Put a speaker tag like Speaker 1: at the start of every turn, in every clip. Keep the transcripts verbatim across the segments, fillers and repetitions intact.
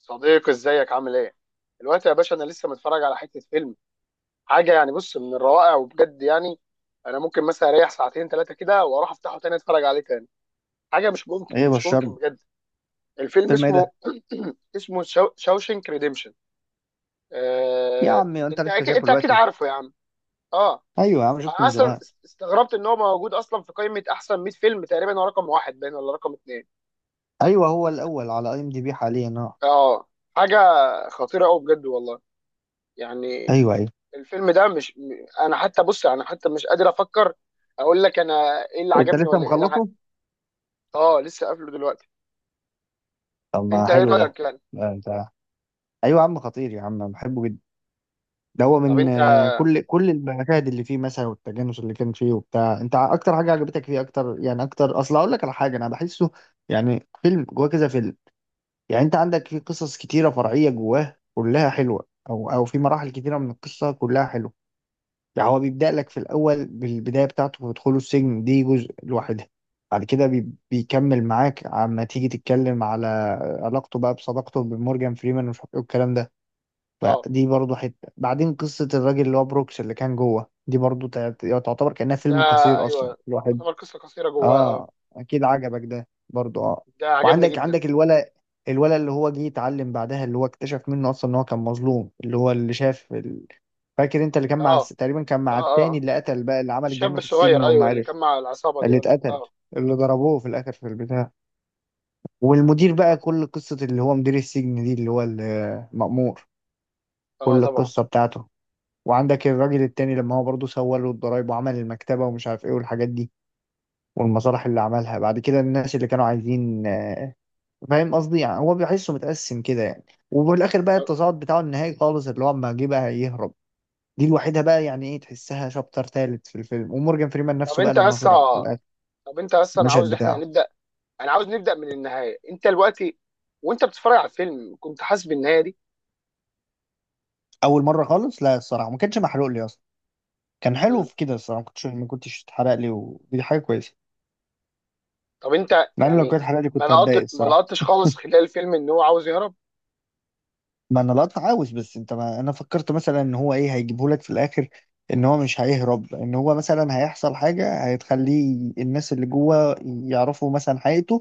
Speaker 1: صديقي ازيك عامل ايه؟ دلوقتي يا باشا انا لسه متفرج على حته فيلم. حاجه يعني بص، من الروائع وبجد يعني. انا ممكن مثلا اريح ساعتين ثلاثه كده واروح افتحه تاني اتفرج عليه تاني. حاجه مش ممكن
Speaker 2: ايه
Speaker 1: مش ممكن
Speaker 2: بشرني؟
Speaker 1: بجد. الفيلم
Speaker 2: فيلم ايه
Speaker 1: اسمه
Speaker 2: ده؟
Speaker 1: اسمه شاو... شاوشنك ريديمشن.
Speaker 2: يا
Speaker 1: آه...
Speaker 2: عم انت
Speaker 1: انت
Speaker 2: لسه
Speaker 1: اكيد
Speaker 2: شايفه
Speaker 1: انت اكيد
Speaker 2: دلوقتي؟
Speaker 1: عارفه يا عم. اه.
Speaker 2: ايوه يا عم، شفته
Speaker 1: انا
Speaker 2: من
Speaker 1: اصلا
Speaker 2: زمان.
Speaker 1: استغربت ان هو موجود اصلا في قائمه احسن مية فيلم، تقريبا هو رقم واحد باين ولا رقم اثنين.
Speaker 2: ايوه، هو الاول على اي ام دي بي حاليا، اه.
Speaker 1: اه. حاجه خطيره قوي بجد والله. يعني
Speaker 2: ايوه ايوه.
Speaker 1: الفيلم ده مش م- انا حتى بص، انا حتى مش قادر افكر اقول لك انا ايه اللي
Speaker 2: انت
Speaker 1: عجبني
Speaker 2: لسه
Speaker 1: ولا ايه اللي ع-
Speaker 2: مخلصه؟
Speaker 1: اه لسه قافله دلوقتي.
Speaker 2: طب ما
Speaker 1: انت ايه
Speaker 2: حلو ده.
Speaker 1: رايك يعني؟
Speaker 2: لا انت. ايوه يا عم، خطير يا عم، أنا بحبه جدا. ده هو
Speaker 1: طب
Speaker 2: من
Speaker 1: انت.
Speaker 2: آه، كل كل المشاهد اللي فيه مثلا، والتجانس اللي كان فيه وبتاع. انت اكتر حاجه عجبتك فيه؟ اكتر يعني، اكتر، اصل اقول لك على حاجه، انا بحسه يعني فيلم جواه كذا فيلم. يعني انت عندك فيه قصص كتيره فرعيه جواه كلها حلوه، او او في مراحل كتيره من القصه كلها حلوه. يعني هو بيبدأ لك في الأول بالبداية بتاعته ودخوله السجن، دي جزء لوحدها. بعد كده بي... بيكمل معاك، عما تيجي تتكلم على علاقته بقى، بصداقته بمورجان فريمان ومش عارف ايه والكلام ده.
Speaker 1: اه.
Speaker 2: فدي برضه حتة. بعدين قصة الراجل اللي هو بروكس اللي كان جوه، دي برضه تع- تعتبر كأنها
Speaker 1: ده
Speaker 2: فيلم قصير أصلا
Speaker 1: ايوه،
Speaker 2: الواحد.
Speaker 1: يعتبر قصه قصيره جواه. اه.
Speaker 2: اه، اكيد عجبك ده برضو، اه.
Speaker 1: ده عجبني
Speaker 2: وعندك
Speaker 1: جدا.
Speaker 2: عندك الولا، الولا اللي هو جه يتعلم بعدها، اللي هو اكتشف منه اصلا ان هو كان مظلوم، اللي هو اللي شاف ال... فاكر انت اللي كان مع الس-
Speaker 1: اه
Speaker 2: تقريبا كان مع
Speaker 1: اه
Speaker 2: التاني
Speaker 1: اه،
Speaker 2: اللي قتل بقى، اللي عمل
Speaker 1: الشاب
Speaker 2: الجريمه في السجن
Speaker 1: الصغير،
Speaker 2: وما
Speaker 1: ايوه اللي كان
Speaker 2: عرف.
Speaker 1: مع العصابه دي
Speaker 2: اللي
Speaker 1: ولا.
Speaker 2: اتقتل،
Speaker 1: اه
Speaker 2: اللي ضربوه في الاخر في البتاع. والمدير بقى،
Speaker 1: اه
Speaker 2: كل قصه اللي هو مدير السجن دي، اللي هو المأمور،
Speaker 1: آه،
Speaker 2: كل
Speaker 1: طبعا.
Speaker 2: القصه بتاعته. وعندك الراجل التاني لما هو برضه سوى له الضرايب وعمل المكتبه ومش عارف ايه والحاجات دي، والمصالح اللي عملها بعد كده، الناس اللي كانوا عايزين. فاهم قصدي؟ يعني هو بيحسه متقسم كده يعني. وفي الاخر بقى
Speaker 1: طب,
Speaker 2: التصاعد بتاعه النهائي خالص اللي هو اما جه بقى يهرب. دي الوحيده بقى، يعني ايه، تحسها شابتر ثالث في الفيلم. ومورجان فريمان
Speaker 1: طب
Speaker 2: نفسه بقى
Speaker 1: انت
Speaker 2: لما
Speaker 1: اصلا
Speaker 2: طلع في الاخر،
Speaker 1: طب انت اصلا
Speaker 2: المشهد
Speaker 1: عاوز احنا
Speaker 2: بتاعه.
Speaker 1: نبدا. انا عاوز نبدا من النهايه. انت دلوقتي وانت بتتفرج على الفيلم كنت حاسس بالنهايه
Speaker 2: اول مره خالص، لا الصراحه ما كانش محروق لي اصلا. كان
Speaker 1: دي؟
Speaker 2: حلو في كده الصراحه. ما كنتش ما كنتش اتحرق لي، ودي حاجه كويسه.
Speaker 1: طب انت
Speaker 2: لان لو
Speaker 1: يعني
Speaker 2: كانت اتحرق لي
Speaker 1: ما
Speaker 2: كنت
Speaker 1: لقط
Speaker 2: هتضايق
Speaker 1: ما
Speaker 2: الصراحه.
Speaker 1: لقطتش خالص خلال الفيلم ان هو عاوز يهرب؟
Speaker 2: ما انا القطع عاوز بس انت، ما انا فكرت مثلا ان هو ايه هيجيبه لك في الاخر، ان هو مش هيهرب، ان هو مثلا هيحصل حاجه هتخليه الناس اللي جوه يعرفوا مثلا حقيقته،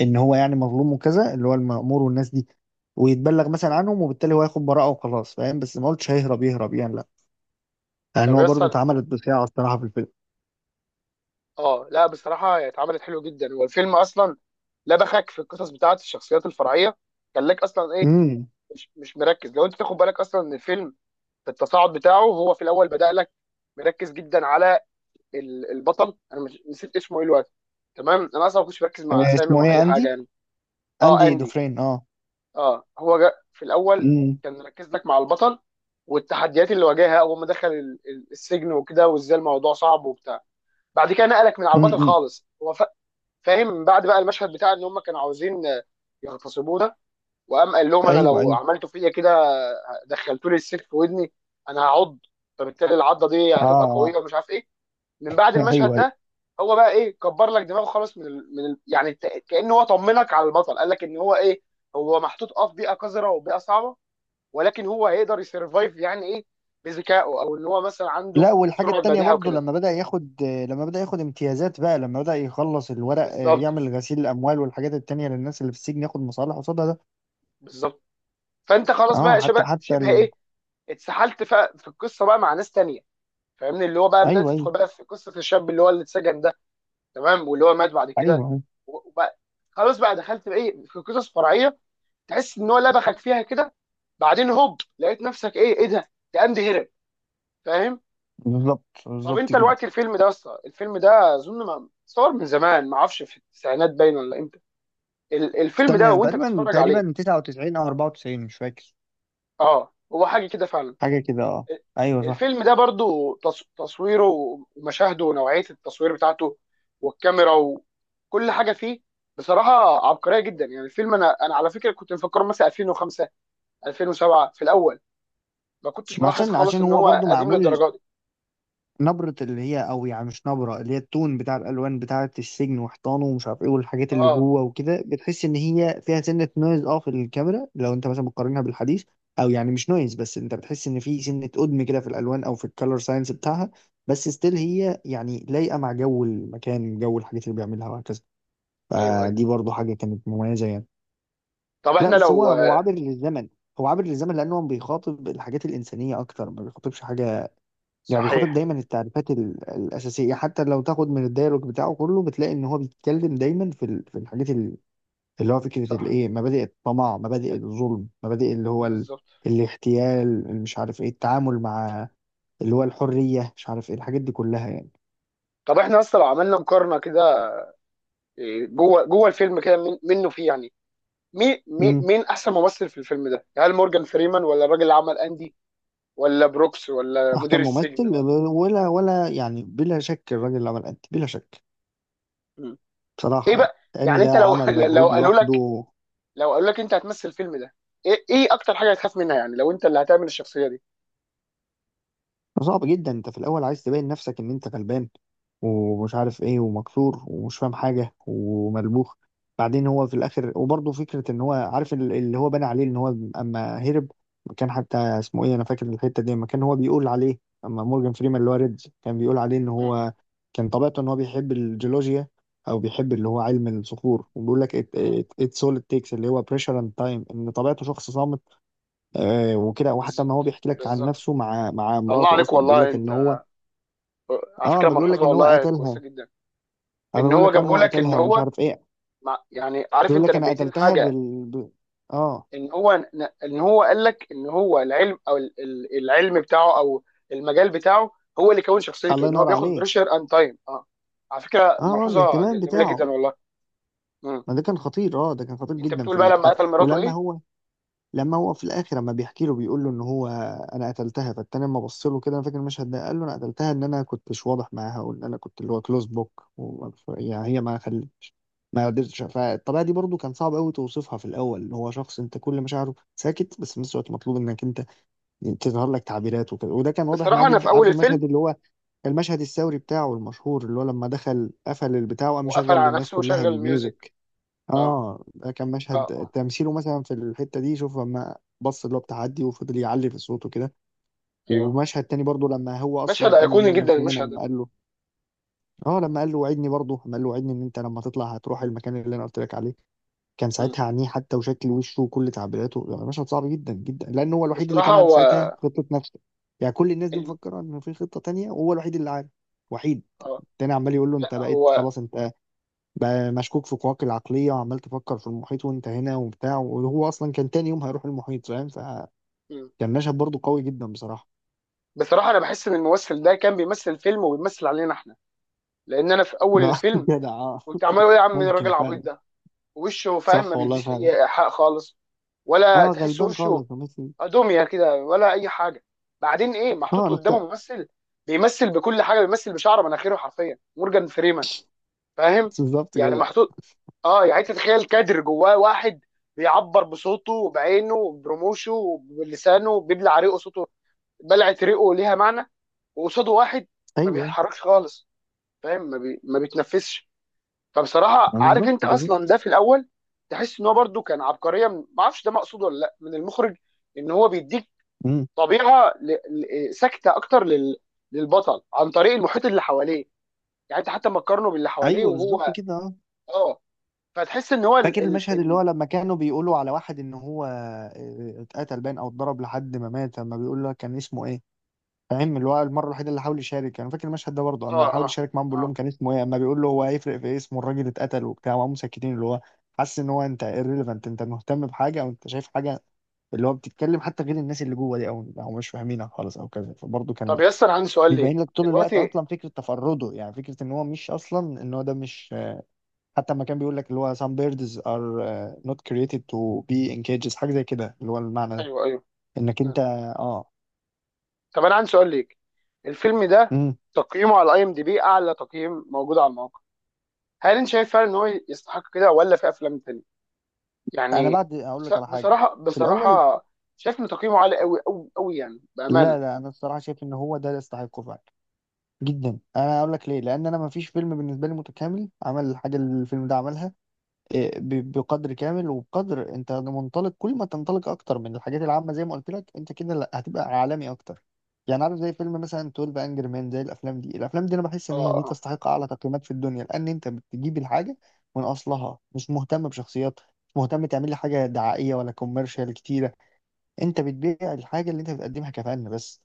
Speaker 2: ان هو يعني مظلوم وكذا، اللي هو المأمور والناس دي، ويتبلغ مثلا
Speaker 1: مم.
Speaker 2: عنهم، وبالتالي هو هياخد براءه وخلاص. فاهم؟ بس ما قلتش هيهرب يهرب يعني، لا. لان
Speaker 1: طب
Speaker 2: هو برضه
Speaker 1: يسطا،
Speaker 2: اتعملت بصياعه الصراحه في الفيلم.
Speaker 1: اه لا بصراحه، هي اتعملت حلو جدا هو الفيلم اصلا. لبخك في القصص بتاعت الشخصيات الفرعيه خلاك اصلا ايه،
Speaker 2: امم.
Speaker 1: مش مش مركز، لو انت تاخد بالك اصلا ان الفيلم في التصاعد بتاعه هو في الاول بدأ لك مركز جدا على ال- البطل. انا مش نسيت اسمه ايه الوقت. تمام، انا اصلا ما كنتش مركز مع
Speaker 2: آه،
Speaker 1: اسامي
Speaker 2: اسمه
Speaker 1: ومع اي
Speaker 2: ايه؟
Speaker 1: حاجه
Speaker 2: اندي.
Speaker 1: يعني. اه،
Speaker 2: اندي
Speaker 1: اندي.
Speaker 2: دوفرين، اه.
Speaker 1: اه، هو جا في الاول
Speaker 2: امم.
Speaker 1: كان مركز لك مع البطل والتحديات اللي واجهها اول ما دخل ال- ال- السجن وكده وازاي الموضوع صعب وبتاع. بعد كده نقلك من على البطل
Speaker 2: امم.
Speaker 1: خالص. هو فا- فاهم، من بعد بقى المشهد بتاع ان هم كانوا عاوزين آه، يغتصبونا. وقام قال لهم انا
Speaker 2: ايوه ايوه.
Speaker 1: لو عملتوا فيا كده، آه، دخلتوا لي السلك في ودني انا هعض، فبالتالي العضه دي
Speaker 2: اه
Speaker 1: هتبقى
Speaker 2: آه.
Speaker 1: قويه ومش عارف ايه. من بعد المشهد
Speaker 2: ايوه.
Speaker 1: ده هو بقى ايه، كبر لك دماغه خالص من ال... من ال... يعني ت- كأنه هو طمنك على البطل. قال لك ان هو ايه، هو محطوط اه في بيئه قذره وبيئه صعبه، ولكن هو هيقدر يسرفايف يعني ايه، بذكائه او ان هو مثلا عنده
Speaker 2: لا، والحاجة
Speaker 1: سرعه
Speaker 2: التانية
Speaker 1: بديهه
Speaker 2: برضو،
Speaker 1: وكده.
Speaker 2: لما بدأ ياخد لما بدأ ياخد امتيازات بقى، لما بدأ يخلص الورق آه،
Speaker 1: بالظبط
Speaker 2: يعمل غسيل الأموال والحاجات التانية للناس اللي في السجن، ياخد مصالح قصادها ده.
Speaker 1: بالظبط. فانت خلاص
Speaker 2: اه،
Speaker 1: بقى
Speaker 2: حتى
Speaker 1: شبه
Speaker 2: حتى
Speaker 1: شبه
Speaker 2: ال...
Speaker 1: ايه، اتسحلت في, في القصه بقى مع ناس تانية، فاهمني، اللي هو بقى بدات
Speaker 2: أيوه أيوه.
Speaker 1: تدخل بقى في قصه الشاب اللي هو اللي اتسجن ده. تمام، واللي هو مات بعد
Speaker 2: أيوه
Speaker 1: كده
Speaker 2: أيوه.
Speaker 1: وبقى خلاص بقى دخلت بقى ايه في قصص فرعيه تحس ان هو لبخك فيها كده. بعدين هوب لقيت نفسك ايه، ايه ده، ده قام هرب. فاهم.
Speaker 2: بالظبط
Speaker 1: طب
Speaker 2: بالظبط
Speaker 1: انت
Speaker 2: كده.
Speaker 1: دلوقتي الفيلم ده اصلا، الفيلم ده اظن ما صور من زمان، ما اعرفش في التسعينات باين ولا امتى. ال- الفيلم ده
Speaker 2: استنى،
Speaker 1: وانت
Speaker 2: تقريبا
Speaker 1: بتتفرج عليه،
Speaker 2: تقريبا تسعة وتسعين أو أربعة وتسعين، مش فاكر.
Speaker 1: اه هو حاجه كده فعلا.
Speaker 2: حاجة كده، اه.
Speaker 1: ال-
Speaker 2: أيوه صح.
Speaker 1: الفيلم ده برضو تص- تصويره ومشاهده ونوعيه التصوير بتاعته والكاميرا وكل حاجه فيه، بصراحه عبقريه جدا يعني. الفيلم انا انا على فكره كنت مفكره مثلا الفين وخمسة، الفين وسبعة في الاول. ما كنتش
Speaker 2: ما
Speaker 1: ملاحظ
Speaker 2: عشان
Speaker 1: خالص
Speaker 2: عشان
Speaker 1: ان
Speaker 2: هو
Speaker 1: هو
Speaker 2: برضو
Speaker 1: قديم
Speaker 2: معمول
Speaker 1: للدرجه دي.
Speaker 2: نبرة اللي هي، او يعني مش نبرة اللي هي، التون بتاع الالوان بتاعة السجن وحيطانه ومش عارف ايه والحاجات اللي
Speaker 1: اه.
Speaker 2: جوه وكده، بتحس ان هي فيها سنة نويز، اه، في الكاميرا لو انت مثلا بتقارنها بالحديث. او يعني مش نويز، بس انت بتحس ان في سنة قدم كده في الالوان، او في الكالر ساينس بتاعها. بس ستيل هي يعني لايقة مع جو المكان، جو الحاجات اللي بيعملها وهكذا.
Speaker 1: ايوه ايوه.
Speaker 2: فدي برضو حاجة كانت مميزة يعني.
Speaker 1: طب
Speaker 2: لا،
Speaker 1: احنا
Speaker 2: بس هو
Speaker 1: لو.
Speaker 2: هو عابر للزمن. هو عابر للزمن لانه بيخاطب الحاجات الانسانية اكتر، ما بيخاطبش حاجة يعني. بيخاطب
Speaker 1: صحيح.
Speaker 2: دايما التعريفات ال- الأساسية، حتى لو تاخد من الديالوج بتاعه كله بتلاقي إن هو بيتكلم دايما في ال- في الحاجات ال- اللي هو فكرة
Speaker 1: صح
Speaker 2: الإيه، مبادئ الطمع، مبادئ الظلم، مبادئ اللي هو ال...
Speaker 1: بالظبط.
Speaker 2: الاغتيال، مش عارف إيه التعامل مع اللي هو الحرية، مش عارف إيه الحاجات دي كلها يعني.
Speaker 1: طب احنا اصلا لو عملنا مقارنه كده، إيه، جوه جوه الفيلم كده من- منه فيه يعني مين مين
Speaker 2: امم.
Speaker 1: مين احسن ممثل في الفيلم ده؟ هل مورجان فريمان ولا الراجل اللي عمل اندي ولا بروكس ولا
Speaker 2: أحسن
Speaker 1: مدير السجن
Speaker 2: ممثل؟
Speaker 1: ولا؟
Speaker 2: ولا ولا يعني بلا شك الراجل اللي عمل أنت، بلا شك.
Speaker 1: مم. ايه
Speaker 2: بصراحة يعني،
Speaker 1: بقى؟
Speaker 2: لأن
Speaker 1: يعني
Speaker 2: ده
Speaker 1: انت لو،
Speaker 2: عمل
Speaker 1: لو
Speaker 2: مجهود
Speaker 1: قالوا لك،
Speaker 2: لوحده.
Speaker 1: لو قالوا لك انت هتمثل الفيلم ده، ايه ايه اكتر حاجه هتخاف منها يعني لو انت اللي هتعمل الشخصيه دي؟
Speaker 2: صعب جدا، أنت في الأول عايز تبين نفسك إن أنت غلبان ومش عارف ايه ومكسور ومش فاهم حاجة وملبوخ. بعدين هو في الاخر وبرضه فكرة ان هو عارف ال- اللي هو بنى عليه ان هو اما هرب. كان حتى اسمه ايه، انا فاكر الحتة دي اما كان هو بيقول عليه، اما مورجان فريمان اللي هو ريدز كان بيقول عليه ان
Speaker 1: مم.
Speaker 2: هو كان طبيعته ان هو بيحب الجيولوجيا، او بيحب اللي هو علم الصخور، وبيقول لك
Speaker 1: مم.
Speaker 2: اتس اول تيكس اللي هو بريشر اند تايم، ان طبيعته شخص صامت. آه وكده. وحتى ما هو
Speaker 1: بالظبط
Speaker 2: بيحكي لك عن
Speaker 1: بالظبط.
Speaker 2: نفسه مع مع
Speaker 1: الله
Speaker 2: مراته
Speaker 1: عليك
Speaker 2: اصلا بيقول
Speaker 1: والله.
Speaker 2: لك ان هو،
Speaker 1: على
Speaker 2: اه
Speaker 1: فكره
Speaker 2: ما بيقول لك
Speaker 1: ملحوظه
Speaker 2: ان هو
Speaker 1: والله كويسه
Speaker 2: قتلها.
Speaker 1: جدا.
Speaker 2: اما
Speaker 1: ان
Speaker 2: بقول
Speaker 1: هو
Speaker 2: لك انه
Speaker 1: جابه
Speaker 2: هو
Speaker 1: لك ان
Speaker 2: قتلها ومش
Speaker 1: هو
Speaker 2: عارف ايه،
Speaker 1: مع، يعني عارف
Speaker 2: بيقول
Speaker 1: انت
Speaker 2: لك انا
Speaker 1: نبهتين
Speaker 2: قتلتها
Speaker 1: حاجه.
Speaker 2: بال ب... اه.
Speaker 1: ان هو ان هو قال لك ان هو العلم او ال- ال- العلم بتاعه او المجال بتاعه هو اللي كون شخصيته،
Speaker 2: الله
Speaker 1: ان هو
Speaker 2: ينور
Speaker 1: بياخد
Speaker 2: عليك.
Speaker 1: بريشر اند تايم. اه، على فكره
Speaker 2: اه آه،
Speaker 1: ملحوظه
Speaker 2: الاهتمام
Speaker 1: ج- جميله جدا
Speaker 2: بتاعه.
Speaker 1: والله. مم.
Speaker 2: ما ده كان خطير، اه، ده كان خطير
Speaker 1: انت
Speaker 2: جدا
Speaker 1: بتقول
Speaker 2: في
Speaker 1: بقى لما
Speaker 2: البتاع.
Speaker 1: قتل مراته
Speaker 2: ولما
Speaker 1: ايه؟
Speaker 2: هو لما هو في الاخر لما بيحكي له بيقول له ان هو، انا قتلتها. فالتاني لما بص له كده، انا فاكر المشهد ده، قال له انا قتلتها، ان انا كنتش واضح معاها، وان انا كنت اللي هو كلوز بوك يعني.
Speaker 1: مم.
Speaker 2: هي ما خل... ما قدرتش. فالطبيعه دي برضو كان صعب قوي توصفها في الاول، اللي هو شخص انت كل مشاعره ساكت بس في نفس الوقت مطلوب انك انت تظهر لك تعبيرات وكده. وده كان واضح معاه
Speaker 1: بصراحه انا في
Speaker 2: جدا.
Speaker 1: اول
Speaker 2: عارف المشهد
Speaker 1: الفيلم.
Speaker 2: اللي هو المشهد الثوري بتاعه المشهور اللي هو لما دخل قفل البتاع وقام
Speaker 1: وقفل
Speaker 2: مشغل
Speaker 1: على
Speaker 2: للناس
Speaker 1: نفسه
Speaker 2: كلها
Speaker 1: وشغل الميوزك.
Speaker 2: الميوزك؟
Speaker 1: اه
Speaker 2: اه، ده كان
Speaker 1: اه
Speaker 2: مشهد
Speaker 1: اه.
Speaker 2: تمثيله مثلا في الحتة دي، شوف لما بص اللي هو بتاع عدي وفضل يعلي في صوته كده.
Speaker 1: ايوه،
Speaker 2: ومشهد تاني برضه لما هو
Speaker 1: مشهد
Speaker 2: اصلا قال
Speaker 1: ايقوني
Speaker 2: لمورجان
Speaker 1: جدا
Speaker 2: فريمان،
Speaker 1: المشهد
Speaker 2: لما
Speaker 1: ده.
Speaker 2: قال له، اه، لما قال له وعدني، برضه لما قال له وعدني ان انت لما تطلع هتروح المكان اللي انا قلت لك عليه، كان
Speaker 1: مم.
Speaker 2: ساعتها عينيه حتى وشكل وشه وكل تعبيراته، يعني مشهد صعب جدا جدا، لان هو الوحيد اللي
Speaker 1: بصراحه
Speaker 2: كان عارف
Speaker 1: هو.
Speaker 2: ساعتها خطه نفسه. يعني كل الناس دي
Speaker 1: الم-
Speaker 2: مفكره ان في خطه تانية وهو الوحيد اللي عارف. وحيد.
Speaker 1: اه
Speaker 2: التاني عمال يقول له
Speaker 1: لا
Speaker 2: انت بقيت
Speaker 1: هو.
Speaker 2: خلاص، انت بقى مشكوك في قواك العقليه وعمال تفكر في المحيط وانت هنا وبتاع، وهو اصلا كان تاني يوم هيروح المحيط. فاهم؟ فكان
Speaker 1: مم.
Speaker 2: مشهد برضه قوي جدا بصراحه.
Speaker 1: بصراحه انا بحس ان الممثل ده كان بيمثل فيلم وبيمثل علينا احنا. لان انا في اول
Speaker 2: لا،
Speaker 1: الفيلم
Speaker 2: جدع، اه.
Speaker 1: كنت عمال اقول يا عم مين الراجل
Speaker 2: ممكن فعلا.
Speaker 1: العبيط ده. وشه فاهم، ما
Speaker 2: صح والله
Speaker 1: بيديش
Speaker 2: فعلا.
Speaker 1: اي حق خالص،
Speaker 2: اه،
Speaker 1: ولا تحس
Speaker 2: غلبان
Speaker 1: وشه
Speaker 2: خالص وميسي.
Speaker 1: ادوميا كده ولا اي حاجه. بعدين ايه، محطوط
Speaker 2: اه،
Speaker 1: قدامه
Speaker 2: نقطه.
Speaker 1: ممثل بيمثل بكل حاجه، بيمثل بشعر مناخيره حرفيا، مورجان فريمان. فاهم.
Speaker 2: بالظبط،
Speaker 1: يعني
Speaker 2: جدع.
Speaker 1: محطوط اه، يعني أنت تتخيل كادر جواه واحد بيعبر بصوته وبعينه وبرموشه وبلسانه بيبلع ريقه صوته، بلعه ريقه ليها معنى، وقصاده واحد ما
Speaker 2: ايوه،
Speaker 1: بيتحركش خالص، فاهم ما, بي... ما بيتنفسش. فبصراحه عارف
Speaker 2: بالظبط
Speaker 1: انت اصلا،
Speaker 2: بالظبط.
Speaker 1: ده في الاول تحس ان هو برده كان عبقريه من، ما اعرفش ده مقصود ولا لا، من المخرج. ان هو بيديك طبيعه ل... ل... ساكته اكتر لل... للبطل عن طريق المحيط اللي حواليه. يعني انت حتى ما تقارنه باللي حواليه
Speaker 2: ايوه بالظبط
Speaker 1: وهو.
Speaker 2: كده، اه.
Speaker 1: اه. فتحس ان هو
Speaker 2: فاكر
Speaker 1: ال... ال...
Speaker 2: المشهد اللي هو
Speaker 1: ال...
Speaker 2: لما كانوا بيقولوا على واحد ان هو آه، اتقتل باين او اتضرب لحد ما مات، لما بيقول له كان اسمه ايه، فاهم؟ اللي هو المره الوحيده اللي حاول يشارك. انا فاكر المشهد ده برضه،
Speaker 1: اه
Speaker 2: اما حاول
Speaker 1: اه
Speaker 2: يشارك معاهم بيقول لهم
Speaker 1: اه.
Speaker 2: كان اسمه ايه، اما بيقول له هو هيفرق في إيه، اسمه الراجل اتقتل وبتاع، وهم مسكتين. اللي هو حاسس ان هو انت irrelevant، انت مهتم بحاجه او انت شايف حاجه اللي هو بتتكلم حتى غير الناس اللي جوه دي، او او مش فاهمينها خالص او كذا. فبرضه
Speaker 1: طب
Speaker 2: كان
Speaker 1: ياسر، عندي سؤال ليك.
Speaker 2: بيبين لك طول الوقت
Speaker 1: دلوقتي.
Speaker 2: اصلا فكره تفرده، يعني فكره ان هو مش اصلا ان هو ده مش. حتى لما كان بيقول لك اللي هو some birds are آه، not created to be in cages، حاجة زي كده اللي هو المعنى ده
Speaker 1: ايوه ايوه.
Speaker 2: انك انت. اه.
Speaker 1: طب انا عندي سؤال ليك. الفيلم ده
Speaker 2: امم.
Speaker 1: تقييمه على اي ام دي بي اعلى تقييم موجود على الموقع. هل انت شايف فعلا ان هو يستحق كده، ولا في افلام تانية
Speaker 2: انا
Speaker 1: يعني؟
Speaker 2: بعد اقول
Speaker 1: بص-
Speaker 2: لك على حاجة.
Speaker 1: بصراحه
Speaker 2: في الاول،
Speaker 1: بصراحه، شايف ان تقييمه عالي قوي قوي قوي يعني
Speaker 2: لا
Speaker 1: بامانه.
Speaker 2: لا، انا الصراحة شايف ان هو ده اللي يستحقه فعلا. جدا. انا اقول لك ليه، لان انا ما فيش فيلم بالنسبة لي متكامل عمل الحاجة اللي الفيلم ده عملها. إيه، ب- بقدر كامل وبقدر انت منطلق. كل ما تنطلق اكتر من الحاجات العامه، زي ما قلت لك انت كده، لا هتبقى عالمي اكتر. يعني عارف زي فيلم مثلا اثني عشر انجر مان، زي الافلام دي. الافلام دي انا بحس
Speaker 1: اه
Speaker 2: ان هي
Speaker 1: اه
Speaker 2: دي
Speaker 1: آه.
Speaker 2: تستحق اعلى تقييمات في الدنيا، لان انت بتجيب الحاجه من اصلها، مش مهتم بشخصيات، مش مهتم تعمل لي حاجه دعائيه ولا كوميرشال كتيره. انت بتبيع الحاجه اللي انت بتقدمها كفن بس.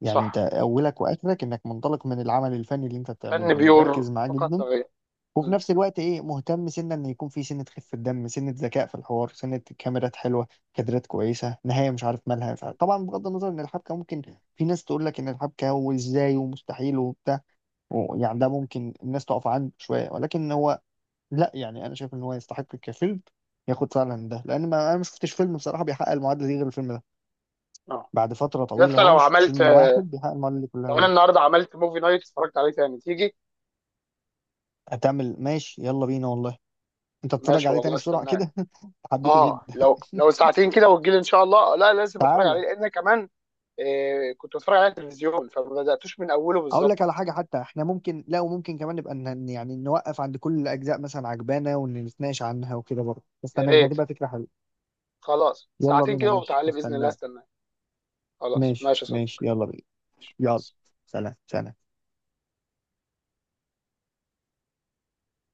Speaker 2: يعني انت
Speaker 1: صح.
Speaker 2: اولك واخرك انك منطلق من العمل الفني اللي انت
Speaker 1: فن
Speaker 2: بتعمله،
Speaker 1: بيور
Speaker 2: مركز معاه
Speaker 1: فقط
Speaker 2: جدا.
Speaker 1: لا غير.
Speaker 2: وفي
Speaker 1: مم.
Speaker 2: نفس الوقت ايه، مهتم سنة ان يكون في سنة خفة دم، سنة ذكاء في الحوار، سنة كاميرات حلوة، كادرات كويسة، نهاية مش عارف مالها، مش عارف طبعا بغض النظر ان الحبكة ممكن، في ناس تقول لك ان الحبكة وازاي ومستحيل وبتاع، و- يعني ده ممكن الناس تقف عنه شوية، ولكن هو لا، يعني انا شايف ان هو يستحق كفيلم ياخد فعلا ده. لان ما انا ما شفتش فيلم بصراحة بيحقق المعادلة دي غير الفيلم ده،
Speaker 1: اه.
Speaker 2: بعد فترة
Speaker 1: يا
Speaker 2: طويلة
Speaker 1: اسطى
Speaker 2: اهو.
Speaker 1: لو
Speaker 2: ما شفتش
Speaker 1: عملت،
Speaker 2: فيلم واحد بيحقق المعادلة دي كلها
Speaker 1: لو انا
Speaker 2: غير.
Speaker 1: النهارده عملت موفي نايت اتفرجت عليه تاني، تيجي؟
Speaker 2: هتعمل ماشي، يلا بينا والله. انت تتفرج
Speaker 1: ماشي
Speaker 2: عليه
Speaker 1: والله،
Speaker 2: تاني بسرعة
Speaker 1: استناك.
Speaker 2: كده؟ حبيته جدا.
Speaker 1: اه لو، لو ساعتين كده وتجيلي ان شاء الله. لا لازم اتفرج عليه
Speaker 2: تعالى،
Speaker 1: لان كمان إيه، كنت بتفرج على التلفزيون فما بداتوش من اوله
Speaker 2: اقول
Speaker 1: بالظبط.
Speaker 2: لك على حاجه، حتى احنا ممكن لا، وممكن كمان نبقى ن- يعني نوقف عند كل الاجزاء مثلا عجبانه ونتناقش عنها وكده برضه.
Speaker 1: يا
Speaker 2: استناك، ده
Speaker 1: ريت.
Speaker 2: تبقى فكره حلوه.
Speaker 1: خلاص
Speaker 2: يلا
Speaker 1: ساعتين
Speaker 2: بينا
Speaker 1: كده
Speaker 2: ماشي،
Speaker 1: وتعالى باذن الله،
Speaker 2: استناك.
Speaker 1: استناك. خلاص
Speaker 2: ماشي
Speaker 1: ماشي يا صديقي.
Speaker 2: ماشي يلا بينا.
Speaker 1: مع
Speaker 2: يلا.
Speaker 1: السلامه.
Speaker 2: سلام سلام.